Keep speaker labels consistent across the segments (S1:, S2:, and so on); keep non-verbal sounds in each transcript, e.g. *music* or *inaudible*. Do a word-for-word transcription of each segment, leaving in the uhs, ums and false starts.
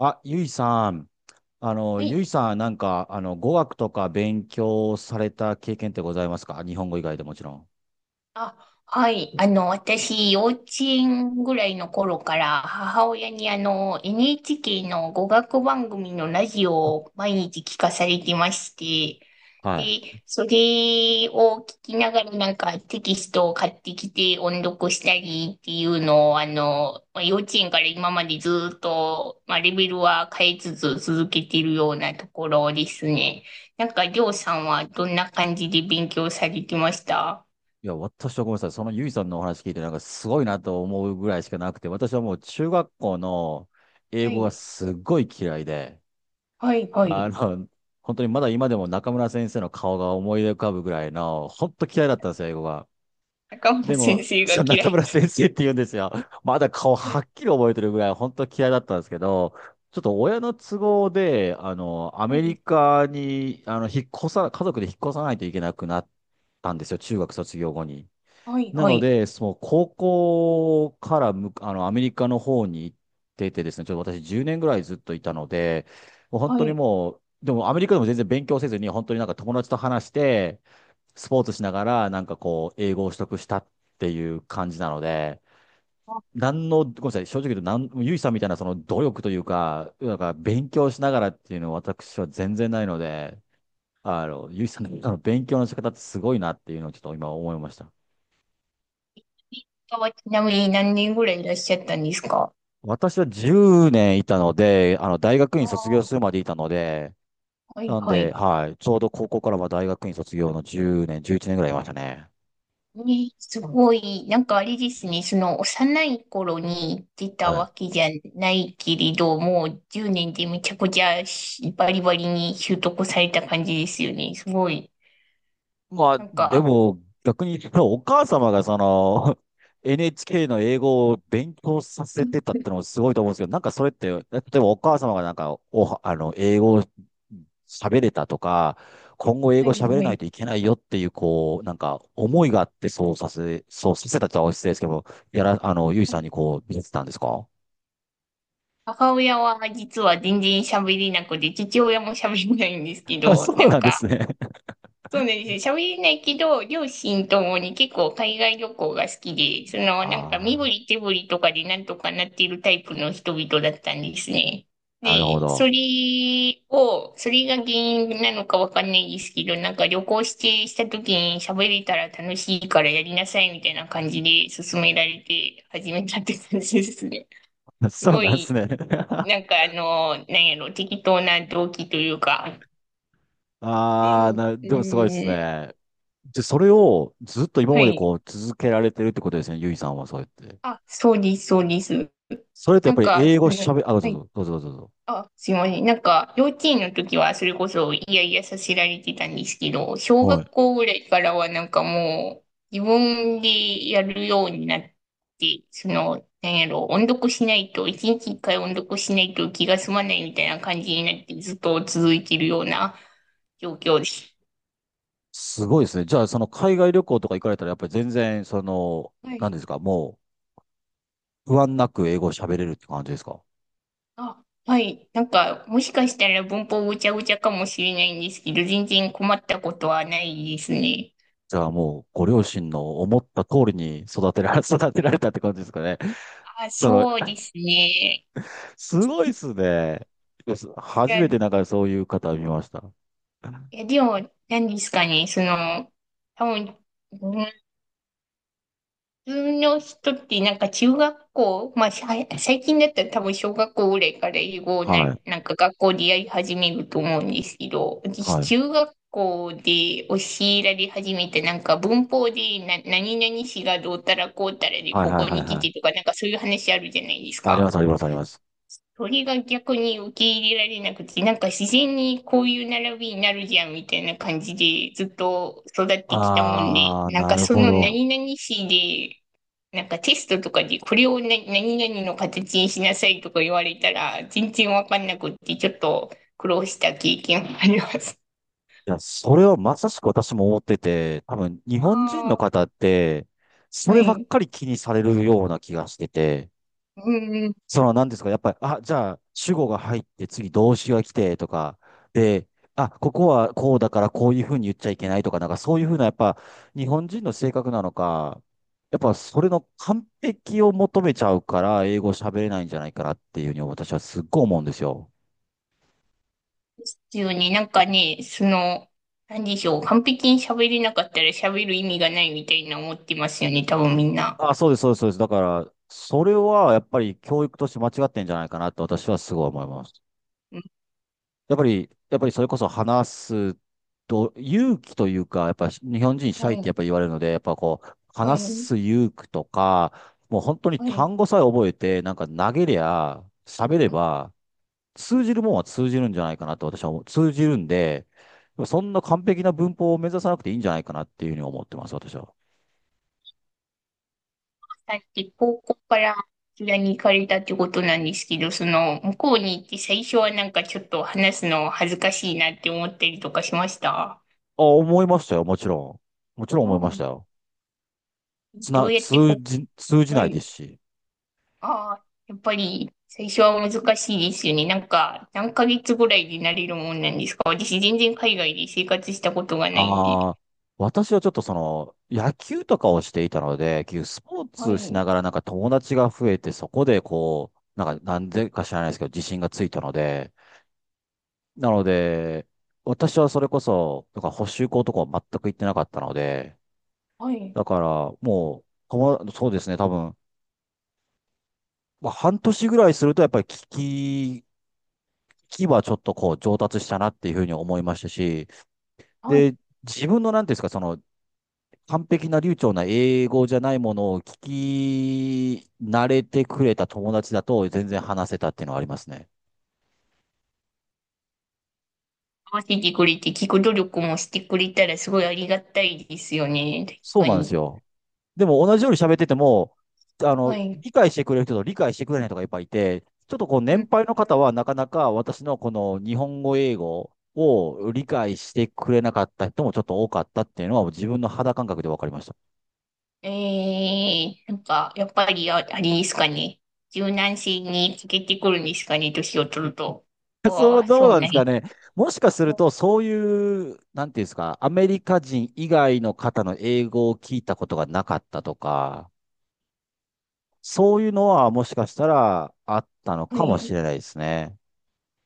S1: あ、ゆいさん。あの、
S2: は
S1: ゆい
S2: い。
S1: さん、なんか、あの、語学とか勉強された経験ってございますか？日本語以外でもちろん。
S2: あ、はい。あの、私、幼稚園ぐらいの頃から、母親にあの、エヌエイチケー の語学番組のラジオを毎日聞かされてまして、
S1: はい。
S2: で、それを聞きながらなんかテキストを買ってきて音読したりっていうのを、あの、まあ幼稚園から今までずっと、まあ、レベルは変えつつ続けてるようなところですね。なんか、りょうさんはどんな感じで勉強されてました？
S1: いや、私はごめんなさい。そのゆいさんのお話聞いて、なんかすごいなと思うぐらいしかなくて、私はもう中学校の英
S2: は
S1: 語が
S2: い、
S1: すっごい嫌いで、
S2: はい、は
S1: あ
S2: い。
S1: の、本当にまだ今でも中村先生の顔が思い浮かぶぐらいの、本当嫌いだったんですよ、英語が。
S2: 中本
S1: で
S2: 先
S1: も、
S2: 生が
S1: その
S2: 嫌
S1: 中
S2: い。
S1: 村先生って言うんですよ。まだ顔
S2: は
S1: はっきり覚えてるぐらい、本当嫌いだったんですけど、ちょっと親の都合で、あの、アメ
S2: い、
S1: リカに、あの、引っ越さ、家族で引っ越さないといけなくなったんですよ、中学卒業後に。
S2: はい、
S1: な
S2: は
S1: の
S2: い。
S1: で、その高校からむ、あの、アメリカの方に行っててですね、ちょっと私じゅうねんぐらいずっといたので、もう本
S2: は
S1: 当に
S2: い、
S1: もう、でもアメリカでも全然勉強せずに、本当になんか友達と話して、スポーツしながら、なんかこう、英語を取得したっていう感じなので、
S2: あ、
S1: なんの、ごめんなさい、正直言うと、なん、ゆいさんみたいなその努力というか、なんか勉強しながらっていうのは私は全然ないので、あの、ゆいさんのあの勉強の仕方ってすごいなっていうのをちょっと今思いました。
S2: インドはちなみに何年ぐらいいらっしゃったんですか？
S1: 私はじゅうねんいたので、あの、大学
S2: あ
S1: 院卒業する
S2: あ
S1: までいたので、
S2: はい、
S1: なん
S2: は
S1: で、
S2: い。
S1: はい、ちょうど高校からは大学院卒業のじゅうねん、じゅういちねんぐらいいましたね。
S2: ね、すごい、なんかあれですね、その幼い頃に出た
S1: はい。
S2: わけじゃないけれど、もうじゅうねんでめちゃくちゃしバリバリに習得された感じですよね。すごい。
S1: まあ、
S2: なん
S1: で
S2: か、
S1: も、逆に言うとお母様がその、*laughs* エヌエイチケー の英語を勉強させてたってのもすごいと思うんですけど、なんかそれって、例えばお母様がなんか、お、あの、英語を喋れたとか、今後英
S2: は
S1: 語
S2: い、
S1: 喋れ
S2: は
S1: ない
S2: い。
S1: といけないよっていう、こう、なんか思いがあってそうさせ、そうさせたとは失礼ですけど、やら、あの、ゆいさんにこう見せてたんですか？
S2: 母親は実は全然喋れなくて、父親も喋れないんですけ
S1: あ、*laughs*
S2: ど、
S1: そ
S2: *laughs* な
S1: う
S2: ん
S1: なんで
S2: か、
S1: すね。
S2: そうなんですよ。喋れないけど、両親ともに結構海外旅行が好きで、その、なんか身振
S1: あ
S2: り手振りとかでなんとかなっているタイプの人々だったんですね。
S1: あ、なるほ
S2: で、そ
S1: ど。
S2: れを、それが原因なのかわかんないですけど、なんか旅行してした時に喋れたら楽しいからやりなさいみたいな感じで勧められて始めたって感じですね。す
S1: そう
S2: ご
S1: なんです
S2: い
S1: ね。*laughs*
S2: なんかあの、なんやろ、適当な動機というか。う
S1: ああ、
S2: ん、
S1: な、でもすごいです
S2: うん、
S1: ね。で、それをずっと今
S2: は
S1: まで
S2: い。
S1: こう続けられてるってことですね、ゆいさんはそうやって。
S2: あ、そうです、そうです。
S1: それってや
S2: な
S1: っ
S2: ん
S1: ぱり
S2: か、
S1: 英
S2: そ
S1: 語
S2: の、
S1: 喋、あ、どう
S2: は
S1: ぞ
S2: い。
S1: どうぞどうぞどうぞ。
S2: あ、すいません。なんか、幼稚園の時はそれこそ、いやいやさせられてたんですけど、小
S1: は
S2: 学
S1: い。
S2: 校ぐらいからはなんかもう、自分でやるようになって、その、なんやろ、音読しないと、一日一回音読しないと気が済まないみたいな感じになって、ずっと続いてるような状況です。
S1: すごいですね。じゃあ、その海外旅行とか行かれたら、やっぱり全然、その、
S2: は
S1: 何で
S2: い
S1: すか、もう不安なく英語を喋れるって感じですか？
S2: あ、はい。なんか、もしかしたら文法ごちゃごちゃかもしれないんですけど、全然困ったことはないですね。
S1: じゃあもう、ご両親の思った通りに育てられ、*laughs* 育てられたって感じですかね。
S2: あ、
S1: その、
S2: そうですね。
S1: すごいっすね。
S2: い
S1: 初
S2: や、
S1: めて
S2: い
S1: なんかそういう方見ました。
S2: やでも、何ですかね、その、多分、う普通の人ってなんか中学校、まあさい最近だったら多分小学校ぐらいから英語をな、
S1: はい。
S2: なんか学校でやり始めると思うんですけど、私
S1: はい。
S2: 中学校で教えられ始めてなんか文法でな、何々詞がどうたらこうたらで
S1: はい
S2: こ
S1: はい
S2: こ
S1: はい
S2: に来
S1: はい。
S2: てとかなんかそういう話あるじゃないです
S1: ありま
S2: か。
S1: すありますあります。
S2: 鳥が逆に受け入れられなくて、なんか自然にこういう並びになるじゃんみたいな感じでずっと育ってきたもんで、
S1: ああ、
S2: なん
S1: な
S2: か
S1: る
S2: そ
S1: ほ
S2: の
S1: ど。
S2: 何々市で、なんかテストとかでこれをな何々の形にしなさいとか言われたら全然わかんなくってちょっと苦労した経験があります。
S1: いや、それはまさしく私も思ってて、多分日
S2: あ
S1: 本人の
S2: あ、
S1: 方って、そ
S2: は
S1: ればっ
S2: い。
S1: かり気にされるような気がしてて、
S2: うんうん。
S1: その何ですか、やっぱり、あ、じゃあ主語が入って次動詞が来てとか、で、あ、ここはこうだからこういうふうに言っちゃいけないとか、なんかそういうふうな、やっぱ日本人の性格なのか、やっぱそれの完璧を求めちゃうから、英語喋れないんじゃないかなっていうふうに私はすっごい思うんですよ。
S2: ですよね。なんかね、その、なんでしょう。完璧に喋れなかったら喋る意味がないみたいな思ってますよね。多分みんな。
S1: あ、そうです、そうです、そうです。だから、それはやっぱり教育として間違ってんじゃないかなって私はすごい思います。やっぱり、やっぱりそれこそ話すと、勇気というか、やっぱ日本人シ
S2: は
S1: ャイって
S2: い、
S1: やっぱ言われるので、やっぱこう、
S2: は
S1: 話
S2: い、
S1: す勇気とか、もう本当に
S2: はい。
S1: 単語さえ覚えて、なんか投げりゃ、喋れば、通じるもんは通じるんじゃないかなと私は思う。通じるんで、そんな完璧な文法を目指さなくていいんじゃないかなっていうふうに思ってます、私は。
S2: さっき高校からこちらに行かれたってことなんですけど、その、向こうに行って最初はなんかちょっと話すの恥ずかしいなって思ったりとかしました？
S1: あ、思いましたよ、もちろん。もちろん思い
S2: う
S1: ました
S2: ん。
S1: よ。つ
S2: ど
S1: な、
S2: うやって
S1: 通
S2: こ、
S1: じ、通じ
S2: は
S1: ないで
S2: い。
S1: すし。
S2: ああ、やっぱり最初は難しいですよね。なんか、何ヶ月ぐらいでなれるもんなんですか？私全然海外で生活したことがないんで。
S1: ああ、私はちょっとその、野球とかをしていたので、結局スポー
S2: は
S1: ツし
S2: い。
S1: ながらなんか友達が増えて、そこでこう、な
S2: う
S1: ん
S2: ん
S1: か、なんでか知らないですけど、自信がついたので、なので、私はそれこそ、なんか補習校とかは全く行ってなかったので、
S2: はい。
S1: だからもう、友そうですね、多分、まあ、半年ぐらいするとやっぱり聞き、聞きはちょっとこう上達したなっていうふうに思いましたし、
S2: はい。
S1: で、自分のなんていうんですか、その完璧な流暢な英語じゃないものを聞き慣れてくれた友達だと全然話せたっていうのはありますね。
S2: 合わせてくれて、聞く努力もしてくれたらすごいありがたいですよね。確
S1: そう
S2: か
S1: なんです
S2: に。
S1: よ。でも同
S2: あ
S1: じように喋ってても、あ
S2: は
S1: の、
S2: い。
S1: 理解してくれる人と理解してくれない人がいっぱいいて、ちょっとこう
S2: う
S1: 年
S2: ん。
S1: 配の方はなかなか私のこの日本語英語を理解してくれなかった人もちょっと多かったっていうのは自分の肌感覚で分かりました。
S2: えー、なんか、やっぱりあ、あれですかね。柔軟性に欠けてくるんですかね、年を取ると。
S1: *laughs* そ
S2: わ
S1: う、
S2: あ、
S1: どう
S2: そう
S1: なんで
S2: なんや。
S1: すかね。もしかすると、そういう、なんていうんですか、アメリカ人以外の方の英語を聞いたことがなかったとか、そういうのはもしかしたらあったの
S2: は
S1: かもし
S2: い。
S1: れないですね。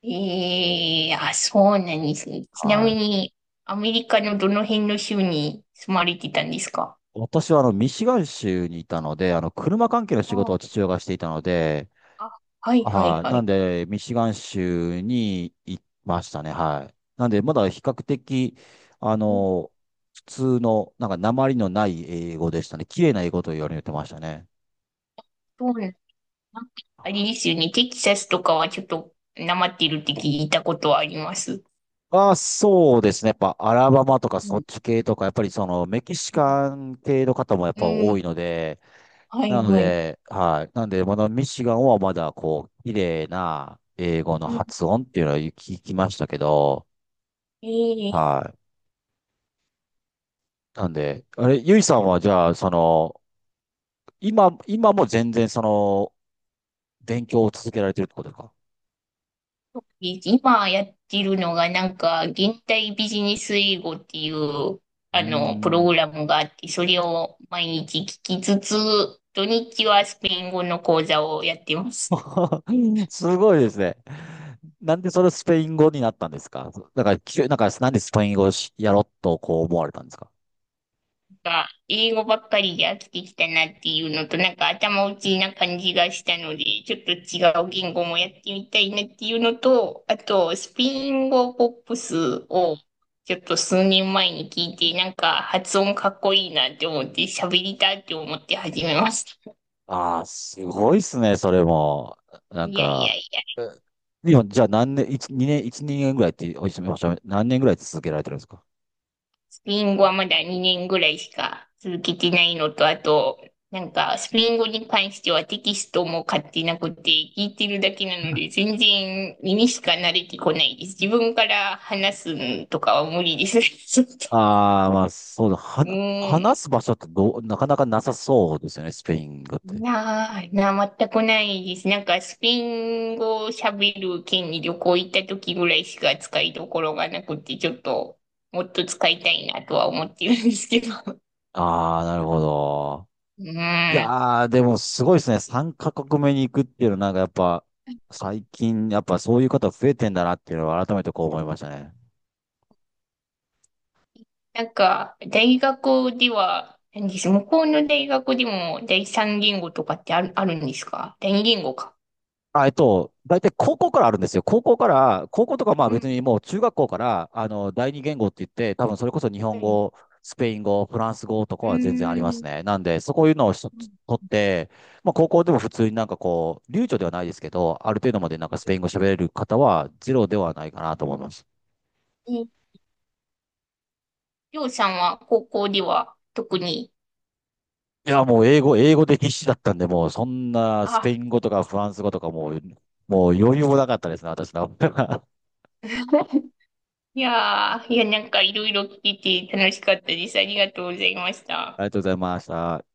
S2: ええ。あ、そうなんですね。ちな
S1: は
S2: み
S1: い。
S2: に、アメリカのどの辺の州に住まれてたんですか？
S1: 私はあの、ミシガン州にいたので、あの、車関係の仕事
S2: あ
S1: を父親がしていたので、
S2: あ、あはいはい
S1: はい。
S2: は
S1: なん
S2: い。
S1: で、ミシガン州に行きましたね。はい。なんで、まだ比較的、あ
S2: うん
S1: の、普通の、なんか、訛りのない英語でしたね。綺麗な英語と言われてましたね。
S2: そうなんなんかあれですよね。テキサスとかはちょっとなまってるって聞いたことはあります。
S1: あ、そうですね。やっぱ、アラバマとか
S2: う
S1: そっ
S2: ん。
S1: ち系とか、やっぱりその、メキシカン系の方もやっ
S2: う
S1: ぱ
S2: ん。
S1: 多いので、
S2: はい
S1: なの
S2: はい。
S1: で、はい。なんで、まだミシガンはまだ、こう、綺麗な英語の
S2: うん。
S1: 発音っていうのは聞きましたけど、
S2: ええ
S1: はい。なんで、あれ、ゆいさんはじゃあ、その、今、今も全然その、勉強を続けられてるってことですか？
S2: 今やってるのがなんか、現代ビジネス英語っていう、
S1: うー
S2: あの、プログ
S1: ん。
S2: ラムがあって、それを毎日聞きつつ、土日はスペイン語の講座をやってます。
S1: *laughs* すごいですね。なんでそれスペイン語になったんですか？だから、きゅなんか、なんでスペイン語をしやろうとこう思われたんですか？
S2: か、英語ばっかりで飽きてきたなっていうのと、なんか頭打ちな感じがしたので、ちょっと違う言語もやってみたいなっていうのと、あと、スペイン語ポップスをちょっと数年前に聞いて、なんか発音かっこいいなって思って、喋りたいって思って始めました。
S1: ああ、すごいっすね、それも。なん
S2: いやいや
S1: か、
S2: いや。
S1: えでも、じゃあ何年、一二年、一二年ぐらいっておっしゃおっしゃ何年ぐらい続けられてるんですか？
S2: ペイン語はまだにねんぐらいしか続けてないのと、あと、なんか、スペイン語に関してはテキストも買ってなくて、聞いてるだけなので、全然耳しか慣れてこないです。自分から話すんとかは無理です。*laughs* ちょっと。
S1: ああ、まあ、そうだ。は
S2: う
S1: な、
S2: ん。
S1: 話す場所ってどう、なかなかなさそうですよね、スペイン語って。
S2: なあ、なあ、全くないです。なんか、スペイン語を喋る県に旅行行った時ぐらいしか使いどころがなくて、ちょっと、もっと使いたいなとは思ってるんですけど。
S1: ああ、なるほど。
S2: う
S1: い
S2: ん。
S1: やー、でもすごいですね。さんカ国目に行くっていうのは、なんかやっぱ、最近、やっぱそういう方増えてんだなっていうのは改めてこう思いましたね。
S2: なんか、大学では、何です、向こうの大学でも第三言語とかってある、あるんですか？第二言語か。
S1: あ、えっと、大体高校からあるんですよ。高校から、高校とかまあ
S2: う
S1: 別
S2: ん。
S1: にもう中学校から、あの、第二言語って言って、多分それこそ日
S2: は
S1: 本
S2: い。
S1: 語、スペイン語、フランス語と
S2: う
S1: かは全然ありま
S2: ー
S1: す
S2: ん。
S1: ね。なんで、そこいうのをしと取って、まあ高校でも普通になんかこう、流暢ではないですけど、ある程度までなんかスペイン語喋れる方はゼロではないかなと思います。
S2: え、りょうさんは高校では特に、
S1: いや、もう英語、英語で必死だったんで、もうそんなス
S2: あ、
S1: ペイン語とかフランス語とかもう、もう余裕もなかったですね、私の。*laughs*
S2: *laughs* いやー、いや、なんかいろいろ聞いて楽しかったです。ありがとうございました。
S1: ありがとうございました。